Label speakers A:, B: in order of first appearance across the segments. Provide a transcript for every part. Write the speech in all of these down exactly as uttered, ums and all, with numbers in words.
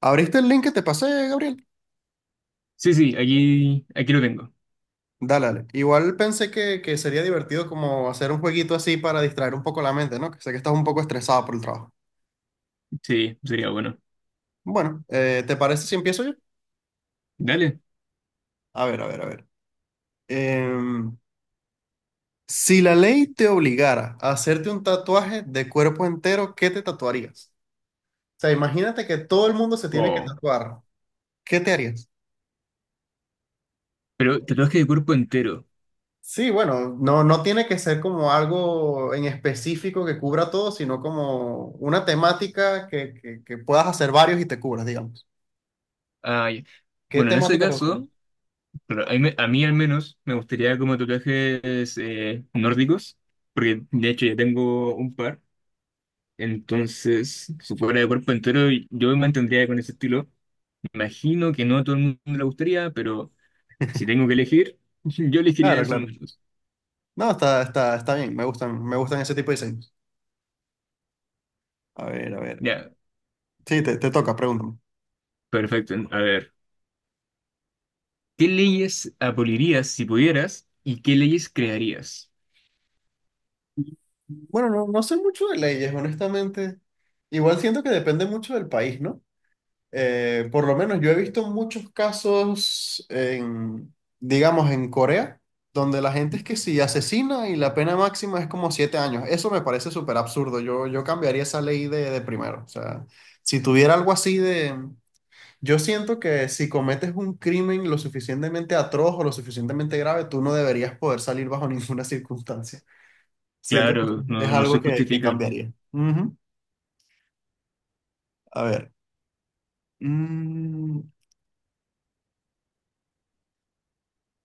A: ¿Abriste el link que te pasé, Gabriel?
B: Sí, sí, aquí, aquí lo tengo.
A: Dale, dale. Igual pensé que, que sería divertido como hacer un jueguito así para distraer un poco la mente, ¿no? Que sé que estás un poco estresado por el trabajo.
B: Sí, sería bueno.
A: Bueno, eh, ¿te parece si empiezo yo?
B: Dale.
A: A ver, a ver, a ver. Em, si la ley te obligara a hacerte un tatuaje de cuerpo entero, ¿qué te tatuarías? O sea, imagínate que todo el mundo se tiene que
B: Oh.
A: tatuar. ¿Qué te harías?
B: Pero tatuaje de cuerpo entero.
A: Sí, bueno, no, no tiene que ser como algo en específico que cubra todo, sino como una temática que, que, que puedas hacer varios y te cubras, digamos.
B: Ay.
A: ¿Qué
B: Bueno, en ese
A: temática te gustaría?
B: caso, claro, a mí, me- a mí al menos me gustaría como tatuajes eh, nórdicos, porque de hecho ya tengo un par. Entonces, si fuera de cuerpo entero, yo me mantendría con ese estilo. Imagino que no a todo el mundo le gustaría, pero si tengo que elegir, yo elegiría
A: Claro,
B: eso al
A: claro.
B: menos.
A: No, está, está, está bien, me gustan, me gustan ese tipo de diseños. A ver, a ver.
B: Ya,
A: Sí, te, te toca, pregúntame.
B: perfecto. A ver. ¿Qué leyes abolirías si pudieras y qué leyes crearías?
A: Bueno, no, no sé mucho de leyes, honestamente. Igual siento que depende mucho del país, ¿no? Eh, por lo menos yo he visto muchos casos en, digamos, en Corea, donde la gente es que si asesina y la pena máxima es como siete años. Eso me parece súper absurdo. Yo, yo cambiaría esa ley de, de primero. O sea, si tuviera algo así de... Yo siento que si cometes un crimen lo suficientemente atroz o lo suficientemente grave, tú no deberías poder salir bajo ninguna circunstancia. Siento que
B: Claro,
A: es
B: no, no se
A: algo que, que
B: justifica.
A: cambiaría. Ujú. A ver. Mm,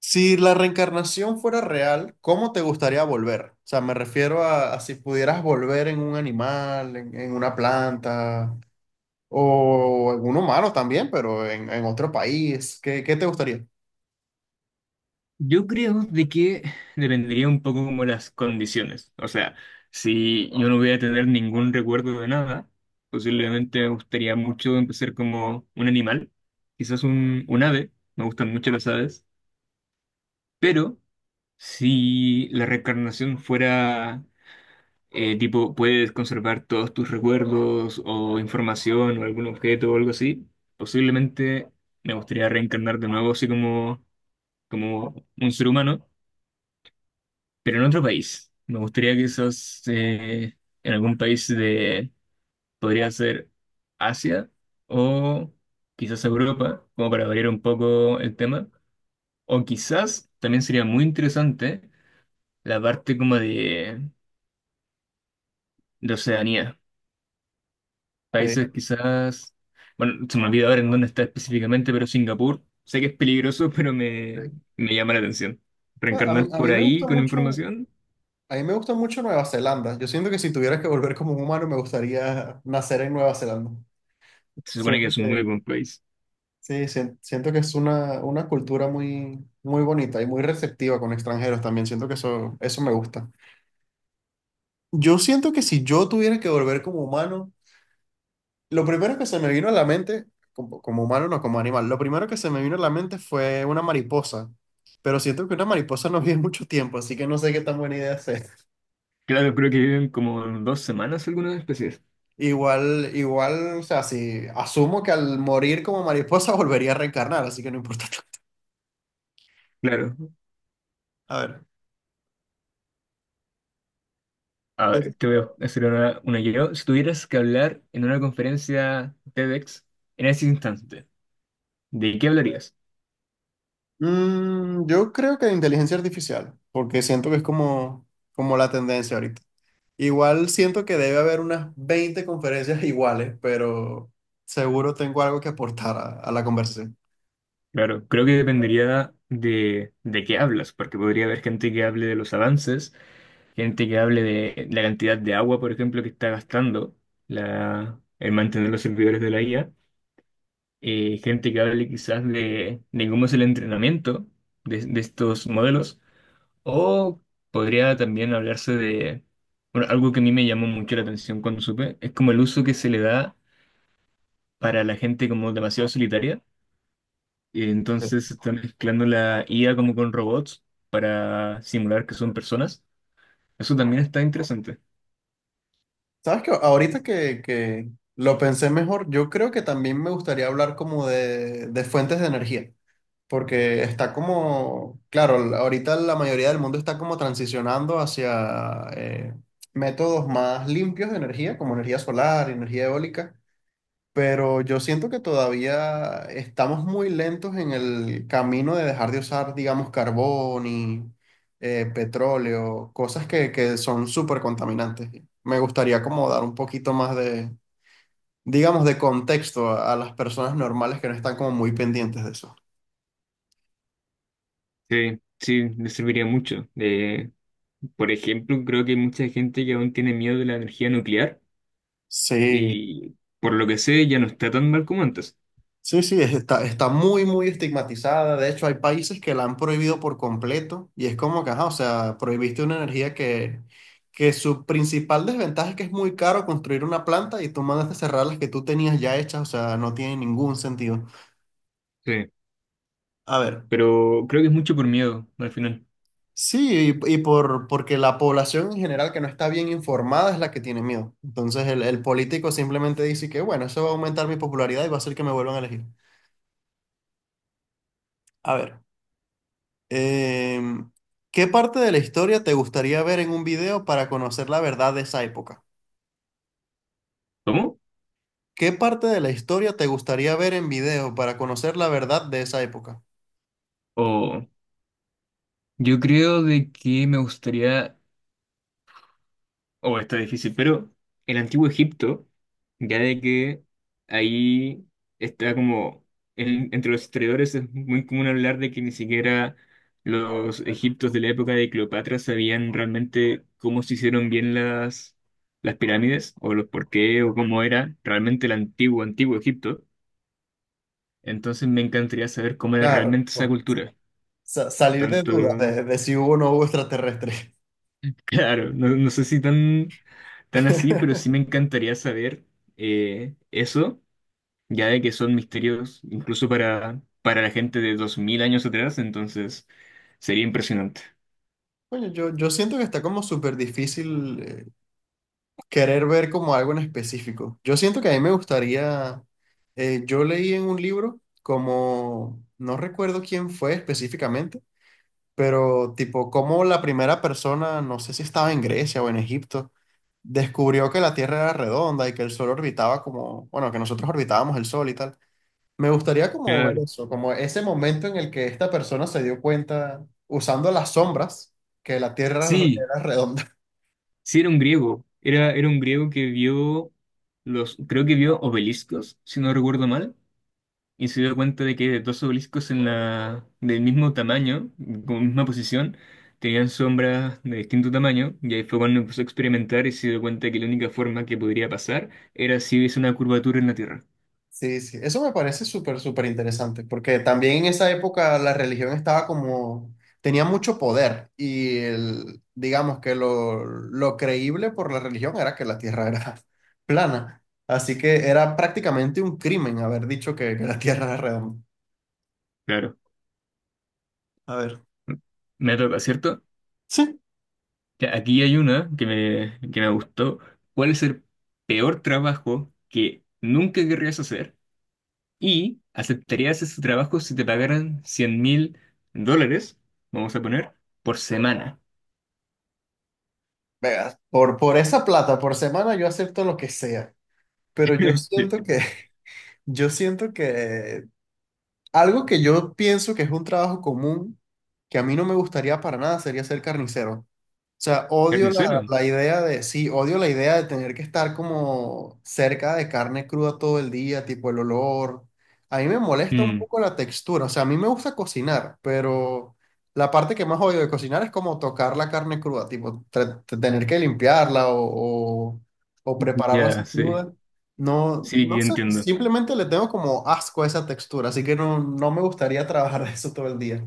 A: Si la reencarnación fuera real, ¿cómo te gustaría volver? O sea, me refiero a, a si pudieras volver en un animal, en, en una planta o en un humano también, pero en, en otro país. ¿Qué, qué te gustaría?
B: Yo creo de que dependería un poco como las condiciones. O sea, si yo no voy a tener ningún recuerdo de nada, posiblemente me gustaría mucho empezar como un animal, quizás un, un ave, me gustan mucho las aves, pero si la reencarnación fuera Eh, tipo, puedes conservar todos tus recuerdos o información o algún objeto o algo así. Posiblemente me gustaría reencarnar de nuevo así como, como un ser humano, pero en otro país. Me gustaría que esos eh, en algún país de, podría ser Asia o quizás Europa, como para variar un poco el tema. O quizás también sería muy interesante la parte como de, de Oceanía.
A: Ok,
B: Países quizás, bueno, se me olvidó ahora en dónde está específicamente, pero Singapur, sé que es peligroso, pero me,
A: ok.
B: me llama la atención.
A: A mí,
B: Reencarnar
A: a mí
B: por
A: me gusta
B: ahí con
A: mucho,
B: información,
A: a mí me gusta mucho Nueva Zelanda. Yo siento que si tuvieras que volver como un humano, me gustaría nacer en Nueva Zelanda.
B: se supone que
A: Siento
B: es un muy
A: que,
B: buen país.
A: sí, sien- siento que es una, una cultura muy, muy bonita y muy receptiva con extranjeros también. Siento que eso, eso me gusta. Yo siento que si yo tuviera que volver como humano, lo primero que se me vino a la mente, como, como humano, no como animal, lo primero que se me vino a la mente fue una mariposa. Pero siento que una mariposa no vive mucho tiempo, así que no sé qué tan buena idea es.
B: Claro, creo que viven como dos semanas algunas especies.
A: Igual, igual, o sea, si asumo que al morir como mariposa volvería a reencarnar, así que no importa.
B: Claro,
A: A ver.
B: a
A: ¿qué te-
B: ver, te veo hacer una, una yo. Si tuvieras que hablar en una conferencia TEDx en ese instante, ¿de qué hablarías?
A: Mm, yo creo que inteligencia artificial, porque siento que es como, como la tendencia ahorita. Igual siento que debe haber unas veinte conferencias iguales, pero seguro tengo algo que aportar a, a la conversación.
B: Claro, creo que dependería de, de qué hablas, porque podría haber gente que hable de los avances, gente que hable de la cantidad de agua, por ejemplo, que está gastando la, el mantener los servidores de la I A, eh, gente que hable quizás de, de cómo es el entrenamiento de, de estos modelos, o podría también hablarse de, bueno, algo que a mí me llamó mucho la atención cuando supe, es como el uso que se le da para la gente como demasiado solitaria, y entonces se está mezclando la I A como con robots para simular que son personas. Eso también está interesante.
A: ¿Sabes qué? Ahorita que, que lo pensé mejor, yo creo que también me gustaría hablar como de, de fuentes de energía, porque está como, claro, l- ahorita la mayoría del mundo está como transicionando hacia eh, métodos más limpios de energía, como energía solar, energía eólica, pero yo siento que todavía estamos muy lentos en el camino de dejar de usar, digamos, carbón y eh, petróleo, cosas que, que son súper contaminantes. Me gustaría como dar un poquito más de, digamos, de contexto a, a las personas normales que no están como muy pendientes de eso.
B: Sí, sí, me serviría mucho. Eh, por ejemplo, creo que hay mucha gente que aún tiene miedo de la energía nuclear
A: Sí.
B: y por lo que sé ya no está tan mal como antes.
A: Sí, sí, es- está, está muy, muy estigmatizada. De hecho, hay países que la han prohibido por completo y es como que, ajá, o sea, prohibiste una energía que, que su principal desventaja es que es muy caro construir una planta y tú mandaste cerrar las que tú tenías ya hechas, o sea, no tiene ningún sentido.
B: Sí,
A: A ver,
B: pero creo que es mucho por miedo al final.
A: sí, y, y por, porque la población en general que no está bien informada es la que tiene miedo. Entonces, el, el político simplemente dice que, bueno, eso va a aumentar mi popularidad y va a hacer que me vuelvan a elegir. A ver. Em, ¿qué parte de la historia te gustaría ver en un video para conocer la verdad de esa época?
B: ¿Cómo?
A: ¿Qué parte de la historia te gustaría ver en video para conocer la verdad de esa época?
B: O yo creo de que me gustaría. Oh, está difícil, pero el antiguo Egipto, ya de que ahí está como, en- entre los historiadores es muy común hablar de que ni siquiera los egiptos de la época de Cleopatra sabían realmente cómo se hicieron bien las, las pirámides, o los por qué, o cómo era realmente el antiguo, antiguo Egipto. Entonces me encantaría saber cómo era
A: Claro,
B: realmente esa
A: pues,
B: cultura,
A: sa- salir de
B: tanto.
A: dudas de, de si hubo o no hubo extraterrestres.
B: Claro, no, no sé si tan, tan así, pero sí me encantaría saber eh, eso, ya de que son misterios incluso para, para la gente de dos mil años atrás, entonces sería impresionante.
A: Coño, yo, yo siento que está como súper difícil eh, querer ver como algo en específico. Yo siento que a mí me gustaría, eh, yo leí en un libro como, no recuerdo quién fue específicamente, pero, tipo, como la primera persona, no sé si estaba en Grecia o en Egipto, descubrió que la Tierra era redonda y que el Sol orbitaba como, bueno, que nosotros orbitábamos el Sol y tal. Me gustaría como ver
B: Claro.
A: eso, como ese momento en el que esta persona se dio cuenta, usando las sombras, que la Tierra
B: Sí,
A: era redonda.
B: sí era un griego, era, era un griego que vio los, creo que vio obeliscos, si no recuerdo mal, y se dio cuenta de que dos obeliscos en la, del mismo tamaño, con misma posición, tenían sombras de distinto tamaño, y ahí fue cuando empezó a experimentar y se dio cuenta que la única forma que podría pasar era si hubiese una curvatura en la Tierra.
A: Sí, sí, eso me parece súper, súper interesante, porque también en esa época la religión estaba como, tenía mucho poder y el, digamos que lo, lo creíble por la religión era que la tierra era plana, así que era prácticamente un crimen haber dicho que, que la tierra era redonda.
B: Claro,
A: A ver,
B: me toca, ¿cierto?
A: sí,
B: Ya, aquí hay una que me, que me gustó. ¿Cuál es el peor trabajo que nunca querrías hacer? ¿Y aceptarías ese trabajo si te pagaran cien mil dólares, vamos a poner, por semana?
A: veas, por, por esa plata, por semana yo acepto lo que sea, pero yo siento que, yo siento que algo que yo pienso que es un trabajo común, que a mí no me gustaría para nada, sería ser carnicero. O sea, odio la,
B: ¿Carnicero?
A: la idea de, sí, odio la idea de tener que estar como cerca de carne cruda todo el día, tipo el olor. A mí me molesta un
B: Mm,
A: poco la textura, o sea, a mí me gusta cocinar, pero la parte que más odio de cocinar es como tocar la carne cruda, tipo tra- tener que limpiarla o, o, o prepararla así
B: ya, sí.
A: cruda. No,
B: Sí,
A: no
B: ya
A: sé,
B: entiendo.
A: simplemente le tengo como asco a esa textura, así que no, no me gustaría trabajar de eso todo el día.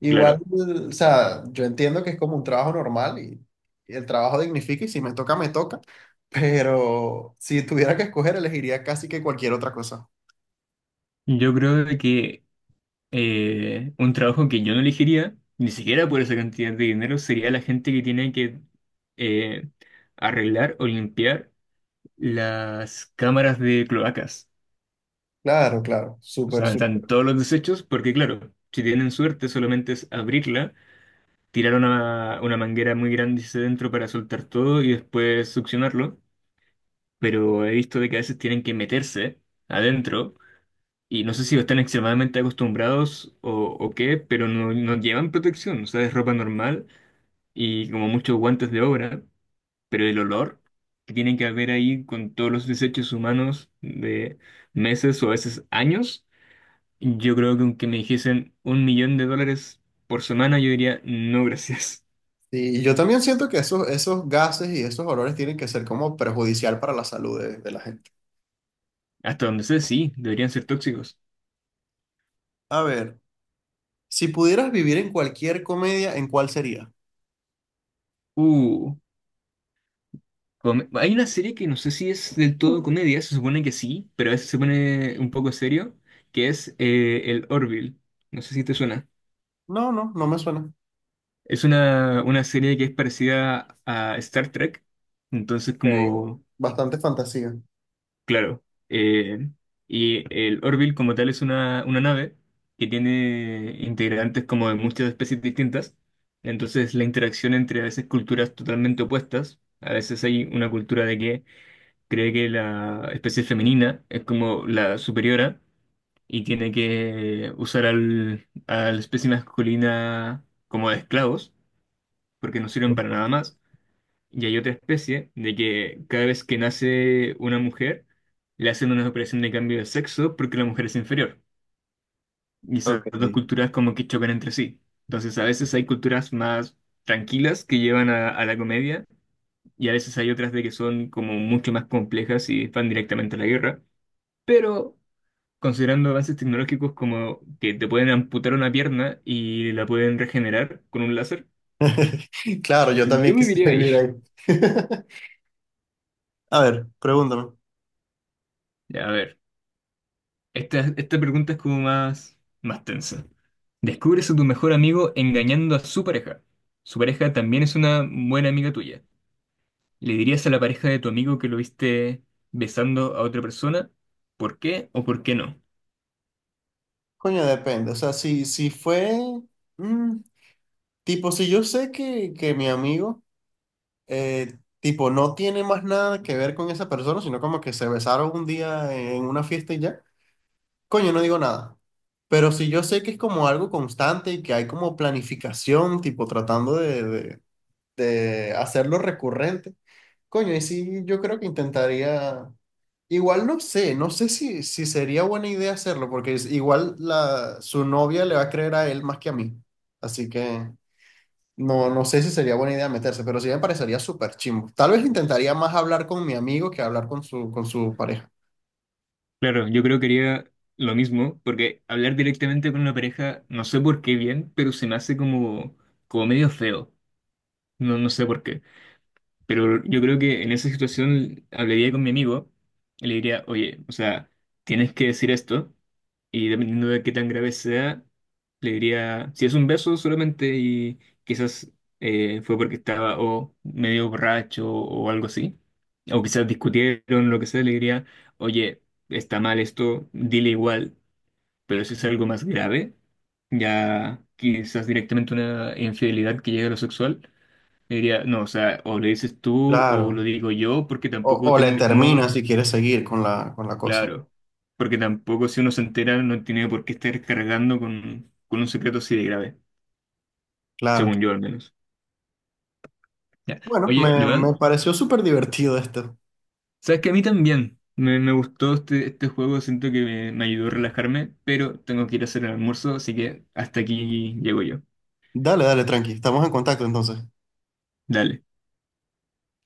A: Igual,
B: Claro.
A: o sea, yo entiendo que es como un trabajo normal y, y el trabajo dignifica y si me toca, me toca, pero si tuviera que escoger, elegiría casi que cualquier otra cosa.
B: Yo creo de que eh, un trabajo que yo no elegiría, ni siquiera por esa cantidad de dinero, sería la gente que tiene que eh, arreglar o limpiar las cámaras de cloacas.
A: Claro, claro,
B: O
A: súper,
B: sea, están
A: súper.
B: todos los desechos, porque claro, si tienen suerte, solamente es abrirla, tirar una, una manguera muy grande hacia adentro para soltar todo y después succionarlo. Pero he visto de que a veces tienen que meterse adentro. Y no sé si están extremadamente acostumbrados o, o qué, pero no, no llevan protección. O sea, es ropa normal y como muchos guantes de obra, pero el olor que tiene que haber ahí con todos los desechos humanos de meses o a veces años, yo creo que aunque me dijesen un millón de dólares por semana, yo diría no gracias.
A: Y yo también siento que esos, esos gases y esos olores tienen que ser como perjudicial para la salud de, de la gente.
B: Hasta donde sé, sí, deberían ser tóxicos.
A: A ver, si pudieras vivir en cualquier comedia, ¿en cuál sería?
B: Uh. Come- Hay una serie que no sé si es del todo comedia, se supone que sí, pero a veces se pone un poco serio, que es eh, el Orville. No sé si te suena.
A: No, no, no me suena.
B: Es una, una serie que es parecida a Star Trek, entonces
A: Ok.
B: como,
A: Bastante fantasía.
B: claro. eh, y el Orville como tal es una, una nave que tiene integrantes como de muchas especies distintas, entonces la interacción entre a veces culturas totalmente opuestas, a veces hay una cultura de que cree que la especie femenina es como la superiora y tiene que usar al, a la especie masculina como de esclavos, porque no sirven para nada más. Y hay otra especie de que cada vez que nace una mujer, le hacen una operación de cambio de sexo porque la mujer es inferior. Y esas
A: Ok.
B: dos culturas como que chocan entre sí. Entonces a veces hay culturas más tranquilas que llevan a, a la comedia, y a veces hay otras de que son como mucho más complejas y van directamente a la guerra. Pero considerando avances tecnológicos como que te pueden amputar una pierna y la pueden regenerar con un láser,
A: Claro, yo también
B: yo viviría
A: quisiera
B: ahí.
A: vivir ahí. A ver, pregúntame.
B: Ya, a ver, esta, esta pregunta es como más, más tensa. Descubres a tu mejor amigo engañando a su pareja. Su pareja también es una buena amiga tuya. ¿Le dirías a la pareja de tu amigo que lo viste besando a otra persona? ¿Por qué o por qué no?
A: Coño, depende. O sea, si, si fue, mm, tipo, si yo sé que, que mi amigo, eh, tipo, no tiene más nada que ver con esa persona, sino como que se besaron un día en una fiesta y ya, coño, no digo nada. Pero si yo sé que es como algo constante y que hay como planificación, tipo, tratando de, de- de hacerlo recurrente. Coño, y sí, yo creo que intentaría, igual no sé, no sé si, si sería buena idea hacerlo, porque es- igual la, su novia le va a creer a él más que a mí. Así que no, no sé si sería buena idea meterse, pero sí me parecería súper chimbo. Tal vez intentaría más hablar con mi amigo que hablar con su, con su pareja.
B: Claro, yo creo que haría lo mismo, porque hablar directamente con una pareja, no sé por qué bien, pero se me hace como, como medio feo. No, no sé por qué. Pero yo creo que en esa situación hablaría con mi amigo y le diría, oye, o sea, tienes que decir esto. Y dependiendo de qué tan grave sea, le diría, si es un beso solamente y quizás eh, fue porque estaba o medio borracho o algo así, o quizás discutieron, lo que sea, le diría, oye, está mal esto, dile igual, pero si es algo más grave, ya quizás directamente una infidelidad que llegue a lo sexual, le diría, no, o sea, o le dices tú o lo
A: Claro.
B: digo yo porque
A: O,
B: tampoco
A: o le
B: tengo
A: termina
B: cómo.
A: si quiere seguir con la, con la cosa.
B: Claro, porque tampoco si uno se entera no tiene por qué estar cargando con, con un secreto así de grave,
A: Claro.
B: según yo al menos. Ya.
A: Bueno,
B: Oye,
A: me, me
B: Joan,
A: pareció súper divertido esto.
B: sabes que a mí también me, me gustó este, este juego, siento que me, me ayudó a relajarme, pero tengo que ir a hacer el almuerzo, así que hasta aquí llego yo.
A: Dale, dale, tranqui. Estamos en contacto entonces.
B: Dale.